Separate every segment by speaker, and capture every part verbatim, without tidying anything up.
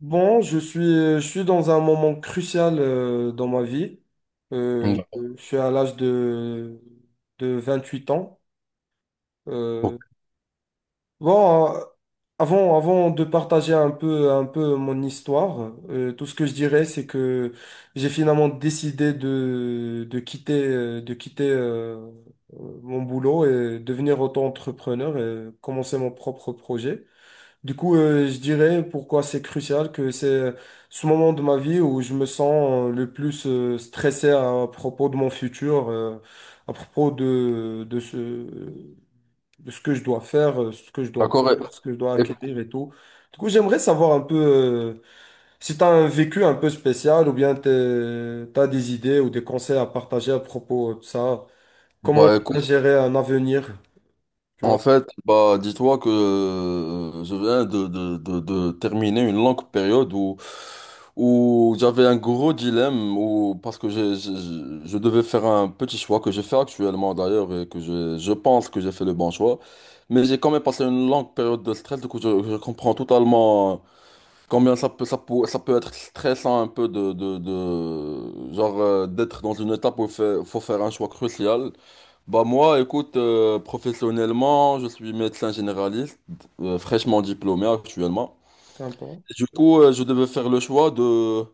Speaker 1: Bon, je suis, je suis dans un moment crucial, euh, dans ma vie. Euh,
Speaker 2: Mm.
Speaker 1: je suis à l'âge de, de vingt-huit ans. Euh,
Speaker 2: Ok.
Speaker 1: bon, euh, avant, avant de partager un peu, un peu mon histoire, euh, tout ce que je dirais, c'est que j'ai finalement décidé de, de quitter, euh, de quitter euh, mon boulot et devenir auto-entrepreneur et commencer mon propre projet. Du coup, euh, je dirais pourquoi c'est crucial, que c'est euh, ce moment de ma vie où je me sens, euh, le plus euh, stressé à propos de mon futur, euh, à propos de, de ce, de ce que je dois faire, euh, ce que je dois
Speaker 2: D'accord.
Speaker 1: faire, ce que je dois
Speaker 2: Et- et-
Speaker 1: acquérir et tout. Du coup, j'aimerais savoir un peu, euh, si tu as un vécu un peu spécial ou bien tu as des idées ou des conseils à partager à propos de ça. Comment
Speaker 2: Bah, écoute,
Speaker 1: bien gérer un avenir, tu
Speaker 2: en
Speaker 1: vois?
Speaker 2: fait, bah, dis-toi que euh, je viens de, de, de, de terminer une longue période où, où j'avais un gros dilemme où, parce que j'ai- j'ai- je, je devais faire un petit choix que je fais actuellement d'ailleurs et que je, je pense que j'ai fait le bon choix. Mais j'ai quand même passé une longue période de stress, du coup, je, je comprends totalement combien ça peut, ça peut, ça peut être stressant un peu de, de, de genre euh, d'être dans une étape où il faut faut faire un choix crucial. Bah moi, écoute, euh, professionnellement, je suis médecin généraliste, euh, fraîchement diplômé actuellement.
Speaker 1: Sympa,
Speaker 2: Et du coup, euh, je devais faire le choix de,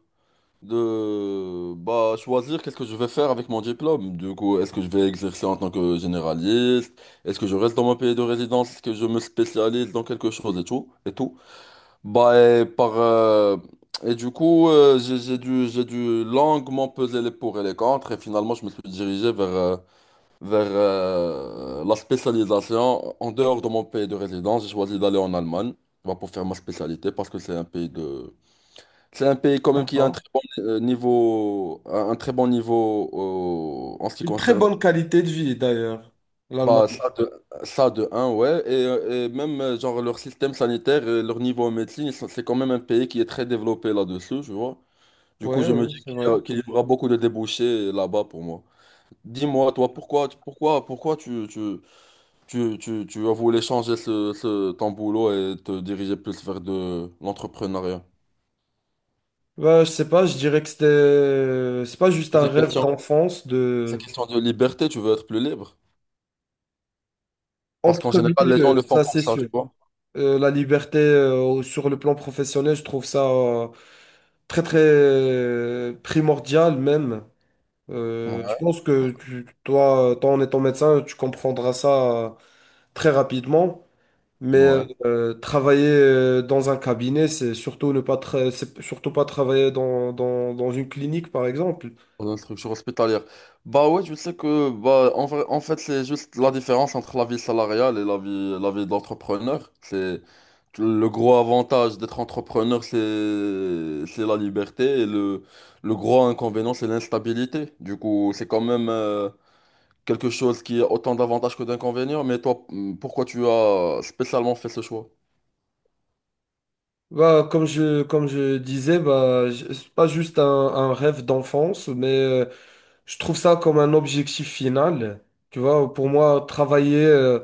Speaker 2: de bah, choisir qu'est-ce que je vais faire avec mon diplôme. Du coup, est-ce que je vais exercer en tant que généraliste? Est-ce que je reste dans mon pays de résidence? Est-ce que je me spécialise dans quelque chose et tout, et tout. Bah, et par, euh, et du coup, euh, j'ai j'ai dû, j'ai dû longuement peser les pour et les contre et finalement, je me suis dirigé vers... euh, vers euh, la spécialisation. En dehors de mon pays de résidence, j'ai choisi d'aller en Allemagne bah, pour faire ma spécialité parce que c'est un pays de... C'est un pays quand même qui a un
Speaker 1: sympa.
Speaker 2: très bon euh, niveau, un un très bon niveau euh, en ce qui
Speaker 1: Une très
Speaker 2: concerne
Speaker 1: bonne qualité de vie, d'ailleurs,
Speaker 2: bah,
Speaker 1: l'Allemagne.
Speaker 2: ça de, ça de un ouais. Et, euh, et même euh, genre leur système sanitaire, et leur niveau en médecine, ils sont- c'est quand même un pays qui est très développé là-dessus, tu vois. Du coup,
Speaker 1: Ouais,
Speaker 2: je me
Speaker 1: ouais,
Speaker 2: dis
Speaker 1: c'est
Speaker 2: qu'il y
Speaker 1: vrai.
Speaker 2: a- qu'il y aura beaucoup de débouchés là-bas pour moi. Dis-moi, toi, pourquoi, pourquoi, pourquoi tu, tu, Tu, tu, tu as voulu changer ce, ce- ton boulot et te diriger plus vers de l'entrepreneuriat.
Speaker 1: Bah, je sais pas, je dirais que c'était, euh, c'est pas juste
Speaker 2: C'est
Speaker 1: un
Speaker 2: une
Speaker 1: rêve
Speaker 2: question,
Speaker 1: d'enfance,
Speaker 2: c'est une
Speaker 1: de.
Speaker 2: question de liberté, tu veux être plus libre.
Speaker 1: En
Speaker 2: Parce qu'en
Speaker 1: premier
Speaker 2: général, les gens
Speaker 1: lieu,
Speaker 2: le font
Speaker 1: ça
Speaker 2: pour
Speaker 1: c'est
Speaker 2: ça, tu
Speaker 1: sûr.
Speaker 2: vois.
Speaker 1: Euh, la liberté, euh, sur le plan professionnel, je trouve ça, euh, très très, euh, primordial même. Euh, je
Speaker 2: Ouais.
Speaker 1: pense que tu, toi, toi, en étant médecin, tu comprendras ça, euh, très rapidement. Mais
Speaker 2: Ouais.
Speaker 1: euh, travailler, euh, dans un cabinet, c'est surtout ne pas tra- c'est surtout pas travailler dans, dans, dans une clinique, par exemple.
Speaker 2: Dans une structure hospitalière. Bah ouais, tu sais que, bah, en vrai- en fait, c'est juste la différence entre la vie salariale et la vie, la vie d'entrepreneur. C'est le gros avantage d'être entrepreneur, c'est, c'est la liberté et le, le gros inconvénient, c'est l'instabilité. Du coup, c'est quand même euh, quelque chose qui a autant d'avantages que d'inconvénients, mais toi, hmm, pourquoi tu as spécialement fait ce choix?
Speaker 1: Bah, comme je, comme je disais, bah, j- c'est pas juste un, un rêve d'enfance, mais euh, je trouve ça comme un objectif final. Tu vois, pour moi, travailler, euh,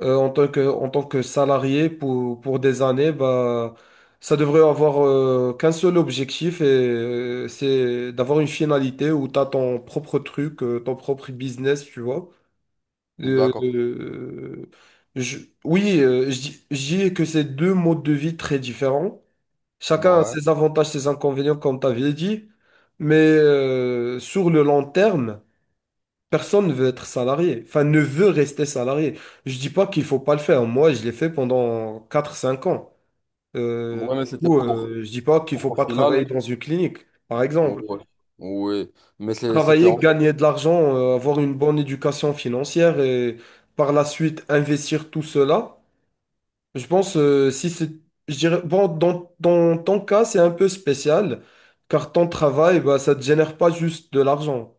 Speaker 1: euh, en tant que, en tant que salarié pour, pour des années, bah, ça devrait avoir, euh, qu'un seul objectif, et euh, c'est d'avoir une finalité où tu as ton propre truc, euh, ton propre business, tu vois. Euh,
Speaker 2: D'accord.
Speaker 1: euh, je- oui, euh, je dis je dis que c'est deux modes de vie très différents. Chacun a
Speaker 2: Ouais.
Speaker 1: ses avantages, ses inconvénients, comme tu avais dit. Mais euh, sur le long terme, personne ne veut être salarié, enfin ne veut rester salarié. Je dis pas qu'il faut pas le faire. Moi, je l'ai fait pendant quatre cinq ans. Euh,
Speaker 2: Ouais,
Speaker 1: du
Speaker 2: mais c'était
Speaker 1: coup,
Speaker 2: pour,
Speaker 1: euh, je dis pas qu'il faut
Speaker 2: pour au
Speaker 1: pas
Speaker 2: final.
Speaker 1: travailler dans une clinique, par exemple.
Speaker 2: Ouais. Oui. Mais c'est- c'était
Speaker 1: Travailler,
Speaker 2: en fait.
Speaker 1: gagner de l'argent, euh, avoir une bonne éducation financière et par la suite investir tout cela. Je pense, euh, si c'est, je dirais, bon, dans, dans ton cas, c'est un peu spécial, car ton travail, bah, ça te génère pas juste de l'argent.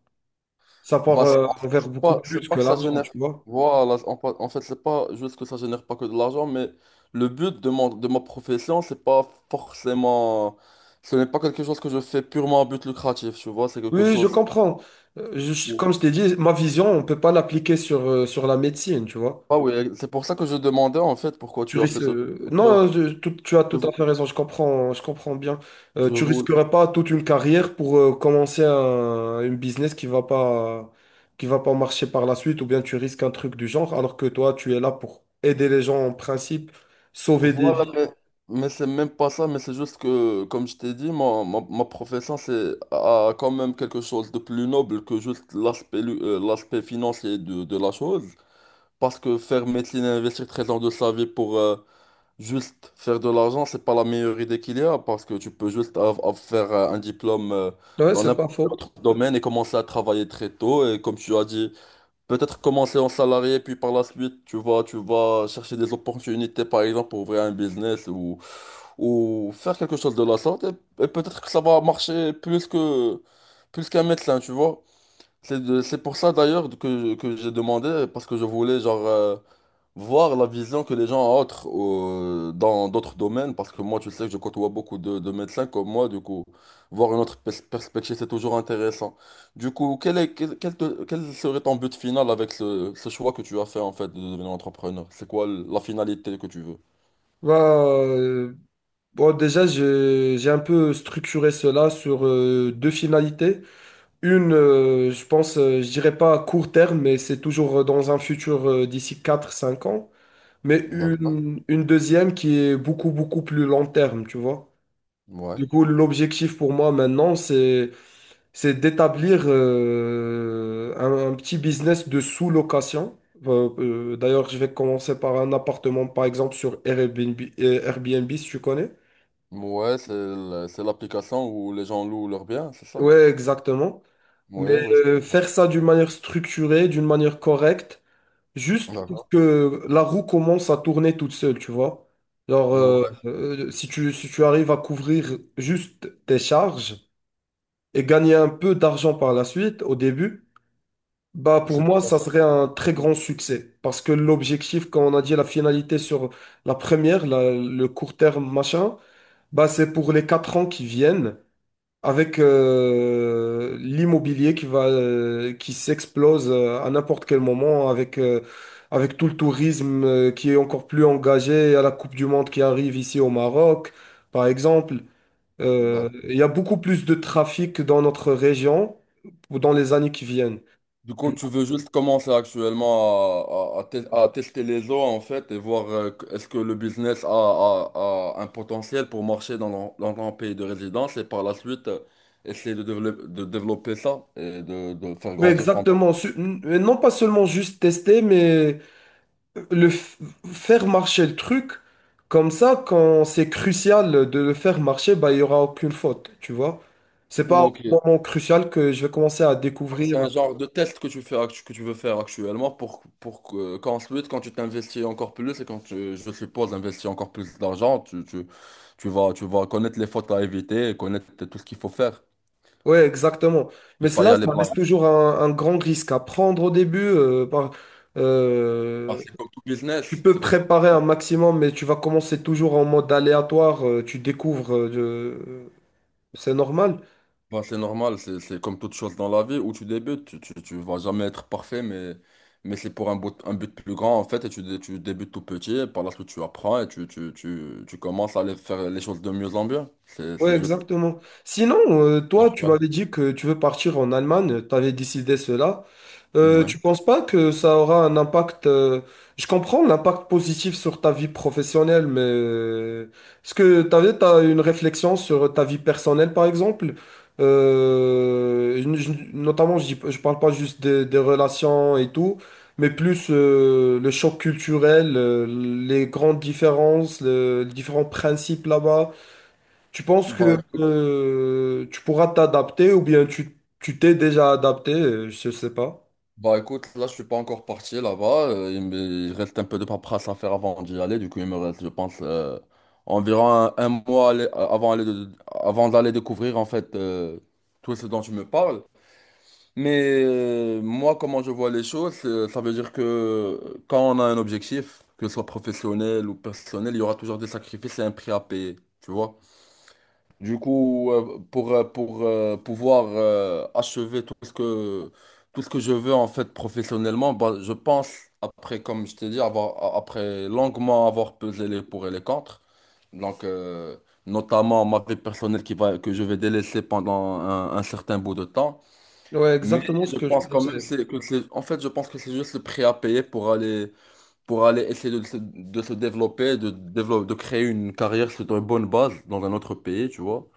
Speaker 1: Ça part,
Speaker 2: Bah, c'est
Speaker 1: euh,
Speaker 2: en fait,
Speaker 1: envers
Speaker 2: c'est
Speaker 1: beaucoup
Speaker 2: pas, c'est
Speaker 1: plus
Speaker 2: pas
Speaker 1: que
Speaker 2: que ça
Speaker 1: l'argent,
Speaker 2: génère.
Speaker 1: tu vois.
Speaker 2: Voilà. En, pa- en fait, c'est pas juste que ça génère pas que de l'argent, mais le but de mon, de ma profession, c'est pas forcément. Ce n'est pas quelque chose que je fais purement à but lucratif, tu vois. C'est quelque
Speaker 1: Oui, je
Speaker 2: chose.
Speaker 1: comprends. Euh, je- comme
Speaker 2: Où-
Speaker 1: je t'ai dit, ma vision, on ne peut pas l'appliquer sur, euh, sur la médecine, tu vois.
Speaker 2: Ah oui, c'est pour ça que je demandais en fait pourquoi
Speaker 1: Tu
Speaker 2: tu as
Speaker 1: risques,
Speaker 2: fait ce.
Speaker 1: euh,
Speaker 2: Parce que-
Speaker 1: non, je- tout- tu as
Speaker 2: je
Speaker 1: tout à fait raison, je comprends, je comprends bien. Euh,
Speaker 2: Je
Speaker 1: tu
Speaker 2: vous
Speaker 1: risquerais pas toute une carrière pour, euh, commencer un, une business qui va pas, qui va pas marcher par la suite, ou bien tu risques un truc du genre, alors que toi, tu es là pour aider les gens en principe, sauver des
Speaker 2: Voilà,
Speaker 1: vies.
Speaker 2: mais, mais c'est même pas ça, mais c'est juste que, comme je t'ai dit, ma, ma, ma profession, c'est a quand même quelque chose de plus noble que juste l'aspect lu- euh, l'aspect financier de, de la chose. Parce que faire médecine et investir treize ans de sa vie pour euh, juste faire de l'argent, c'est pas la meilleure idée qu'il y a, parce que tu peux juste av- av- faire euh, un diplôme euh,
Speaker 1: Ouais,
Speaker 2: dans
Speaker 1: c'est pas
Speaker 2: n'importe quel
Speaker 1: faux.
Speaker 2: autre domaine et commencer à travailler très tôt. Et comme tu as dit, peut-être commencer en salarié, puis par la suite, tu vas, tu vas chercher des opportunités, par exemple, pour ouvrir un business ou, ou faire quelque chose de la sorte. Et, et peut-être que ça va marcher plus que, plus qu'un médecin, tu vois. C'est de- c'est pour ça d'ailleurs que, que j'ai demandé, parce que je voulais, genre, euh, voir la vision que les gens ont autre- au- dans d'autres domaines, parce que moi, tu sais que je côtoie beaucoup de, de médecins comme moi, du coup, voir une autre pers- perspective, c'est toujours intéressant. Du coup, quel est, quel, quel te- quel serait ton but final avec ce, ce choix que tu as fait, en fait, de devenir entrepreneur? C'est quoi la finalité que tu veux?
Speaker 1: Bah, euh, bon, déjà, j'ai j'ai un peu structuré cela sur, euh, deux finalités. Une, euh, je pense, euh, je dirais pas à court terme, mais c'est toujours, euh, dans un futur, euh, d'ici quatre cinq ans. Mais
Speaker 2: D'accord.
Speaker 1: une, une deuxième qui est beaucoup, beaucoup plus long terme, tu vois.
Speaker 2: Ouais.
Speaker 1: Du coup, l'objectif pour moi maintenant, c'est, c'est d'établir, euh, un, un petit business de sous-location. Euh, euh, d'ailleurs, je vais commencer par un appartement, par exemple, sur Airbnb, euh, Airbnb, si tu connais.
Speaker 2: Ouais, c'est l- c'est l'application où les gens louent leurs biens, c'est ça?
Speaker 1: Ouais, exactement. Mais
Speaker 2: Oui, oui. je-
Speaker 1: euh, faire ça d'une manière structurée, d'une manière correcte, juste pour
Speaker 2: D'accord.
Speaker 1: que la roue commence à tourner toute seule, tu vois. Genre, euh,
Speaker 2: Ouais,
Speaker 1: euh, si tu, si tu arrives à couvrir juste tes charges et gagner un peu d'argent par la suite, au début, bah pour
Speaker 2: c'est
Speaker 1: moi,
Speaker 2: déjà
Speaker 1: ça
Speaker 2: ça.
Speaker 1: serait un très grand succès. Parce que l'objectif, quand on a dit la finalité sur la première, la- le court terme, machin, bah c'est pour les quatre ans qui viennent avec, euh, l'immobilier qui va, euh, qui s'explose, euh, à n'importe quel moment, avec euh, avec tout le tourisme, euh, qui est encore plus engagé à la Coupe du Monde qui arrive ici au Maroc, par exemple. Euh,
Speaker 2: D'accord.
Speaker 1: il y a beaucoup plus de trafic dans notre région, ou dans les années qui viennent.
Speaker 2: Du coup, tu veux juste commencer actuellement à, à- à tes- à tester les eaux en fait et voir euh, que- est-ce que le business a, a- a un potentiel pour marcher dans ton, dans ton pays de résidence et par la suite euh, essayer de, dévelop- de développer ça et de, de faire
Speaker 1: Oui,
Speaker 2: grandir ton.
Speaker 1: exactement. Su- n- Non, pas seulement juste tester, mais le f- faire marcher le truc, comme ça, quand c'est crucial de le faire marcher, bah, il n'y aura aucune faute, tu vois. C'est pas au
Speaker 2: Ok.
Speaker 1: moment crucial que je vais commencer à
Speaker 2: Donc, c'est
Speaker 1: découvrir.
Speaker 2: un genre de test que tu fais, actu- que tu veux faire actuellement pour, pour que- qu'ensuite, quand tu t'investis encore plus et quand tu, je suppose, investis encore plus d'argent, tu, tu, tu vas, tu vas connaître les fautes à éviter et connaître tout ce qu'il faut faire.
Speaker 1: Ouais, exactement.
Speaker 2: Ne
Speaker 1: Mais
Speaker 2: pas y
Speaker 1: cela,
Speaker 2: aller.
Speaker 1: ça reste toujours un, un grand risque à prendre au début. euh, par-
Speaker 2: Ah,
Speaker 1: euh,
Speaker 2: c'est comme tout
Speaker 1: Tu
Speaker 2: business,
Speaker 1: peux
Speaker 2: c'est comme,
Speaker 1: préparer un maximum, mais tu vas commencer toujours en mode aléatoire. Euh, tu découvres. euh, de- C'est normal.
Speaker 2: bah, c'est normal, c'est c'est comme toute chose dans la vie où tu débutes, tu, tu, tu vas jamais être parfait, mais, mais c'est pour un but, un but plus grand en fait, et tu, dé- tu débutes tout petit, et par la suite tu apprends et tu, tu, tu, tu commences à aller faire les choses de mieux en mieux. C'est
Speaker 1: Ouais,
Speaker 2: c'est juste
Speaker 1: exactement. Sinon, euh, toi, tu
Speaker 2: naturel.
Speaker 1: m'avais dit que tu veux partir en Allemagne. Tu avais décidé cela. Euh,
Speaker 2: Ouais.
Speaker 1: tu penses pas que ça aura un impact. Euh, je comprends l'impact positif sur ta vie professionnelle, mais euh, est-ce que t'avais, t'as une réflexion sur ta vie personnelle, par exemple? Euh, une- je- notamment, je, dis- je parle pas juste des, des relations et tout, mais plus, euh, le choc culturel, euh, les grandes différences, le- les différents principes là-bas. Tu penses
Speaker 2: Bah,
Speaker 1: que,
Speaker 2: écoute,
Speaker 1: euh, tu pourras t'adapter ou bien tu tu t'es déjà adapté? euh, Je sais pas.
Speaker 2: Bah écoute, là je suis pas encore parti là-bas, euh, il me il reste un peu de paperasse à faire avant d'y aller, du coup il me reste je pense euh, environ un, un mois aller- euh, avant, aller de- avant d'aller découvrir en fait euh, tout ce dont tu me parles. Mais euh, moi comment je vois les choses, c'est- ça veut dire que quand on a un objectif, que ce soit professionnel ou personnel, il y aura toujours des sacrifices et un prix à payer, tu vois. Du coup, euh, pour, euh, pour euh, pouvoir euh, achever tout ce que, tout ce que je veux en fait professionnellement, bah, je pense, après, comme je t'ai dit, avoir, a- après longuement avoir pesé les pour et les contre, donc euh, notamment ma vie personnelle qui va, que je vais délaisser pendant un, un certain bout de temps.
Speaker 1: Ouais,
Speaker 2: Mais
Speaker 1: exactement ce
Speaker 2: je
Speaker 1: que je
Speaker 2: pense quand même
Speaker 1: pensais.
Speaker 2: c'est, que c'est, en fait, je pense que c'est juste le prix à payer pour aller, pour aller essayer de se, de se développer, de, développer, de créer une carrière sur une bonne base dans un autre pays, tu vois.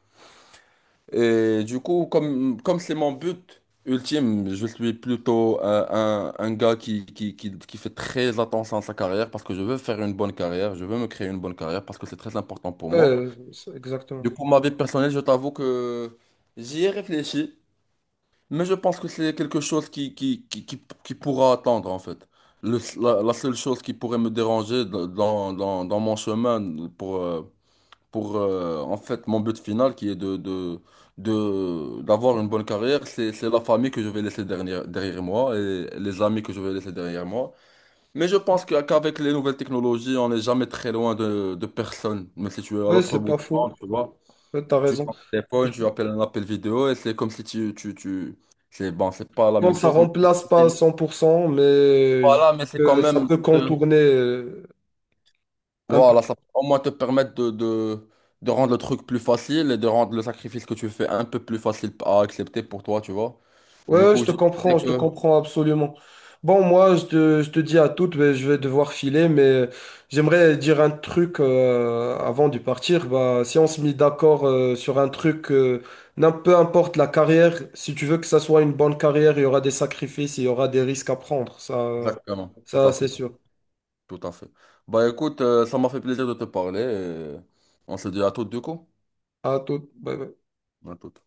Speaker 2: Et du coup, comme, comme c'est mon but ultime, je suis plutôt euh, un, un gars qui, qui, qui, qui fait très attention à sa carrière parce que je veux faire une bonne carrière, je veux me créer une bonne carrière parce que c'est très important pour
Speaker 1: Ouais,
Speaker 2: moi.
Speaker 1: euh, c'est-
Speaker 2: Du
Speaker 1: exactement.
Speaker 2: coup, ma vie personnelle, je t'avoue que j'y ai réfléchi, mais je pense que c'est quelque chose qui, qui, qui, qui, qui pourra attendre en fait. Le- la, la seule chose qui pourrait me déranger dans, dans, dans dans mon chemin pour, euh, pour euh, en fait mon but final qui est de, de, de- d'avoir une bonne carrière, c'est, c'est la famille que je vais laisser derrière, derrière moi et les amis que je vais laisser derrière moi. Mais je pense que- qu'avec les nouvelles technologies, on n'est jamais très loin de, de personne. Mais si tu es à
Speaker 1: Ouais,
Speaker 2: l'autre
Speaker 1: c'est
Speaker 2: bout
Speaker 1: pas
Speaker 2: du monde,
Speaker 1: faux.
Speaker 2: tu vois,
Speaker 1: Ouais, t'as
Speaker 2: tu es
Speaker 1: raison.
Speaker 2: ton téléphone, tu appelles un appel vidéo et c'est comme si tu, tu, tu... C'est bon, c'est pas la
Speaker 1: Bon,
Speaker 2: même
Speaker 1: ça
Speaker 2: chose, mais
Speaker 1: remplace pas
Speaker 2: c'est
Speaker 1: à cent pour cent, mais je dis
Speaker 2: voilà, mais c'est quand
Speaker 1: que ça
Speaker 2: même.
Speaker 1: peut
Speaker 2: Euh,
Speaker 1: contourner, euh, un.
Speaker 2: Voilà, ça peut au moins te permettre de, de, de rendre le truc plus facile et de rendre le sacrifice que tu fais un peu plus facile à accepter pour toi, tu vois.
Speaker 1: Ouais,
Speaker 2: Du
Speaker 1: ouais, je
Speaker 2: coup,
Speaker 1: te
Speaker 2: je sais
Speaker 1: comprends, je te
Speaker 2: que...
Speaker 1: comprends absolument. Bon, moi, je te, je te dis à toutes, mais je vais devoir filer, mais j'aimerais dire un truc, euh, avant de partir. Bah, si on se met d'accord, euh, sur un truc, euh, n'im- peu importe la carrière, si tu veux que ça soit une bonne carrière, il y aura des sacrifices, il y aura des risques à prendre. Ça,
Speaker 2: Exactement, tout
Speaker 1: ça
Speaker 2: à
Speaker 1: c'est
Speaker 2: fait,
Speaker 1: sûr.
Speaker 2: tout à fait. Bah écoute, euh, ça m'a fait plaisir de te parler et on se dit à toutes du coup.
Speaker 1: À toutes. Bye bye.
Speaker 2: À toutes.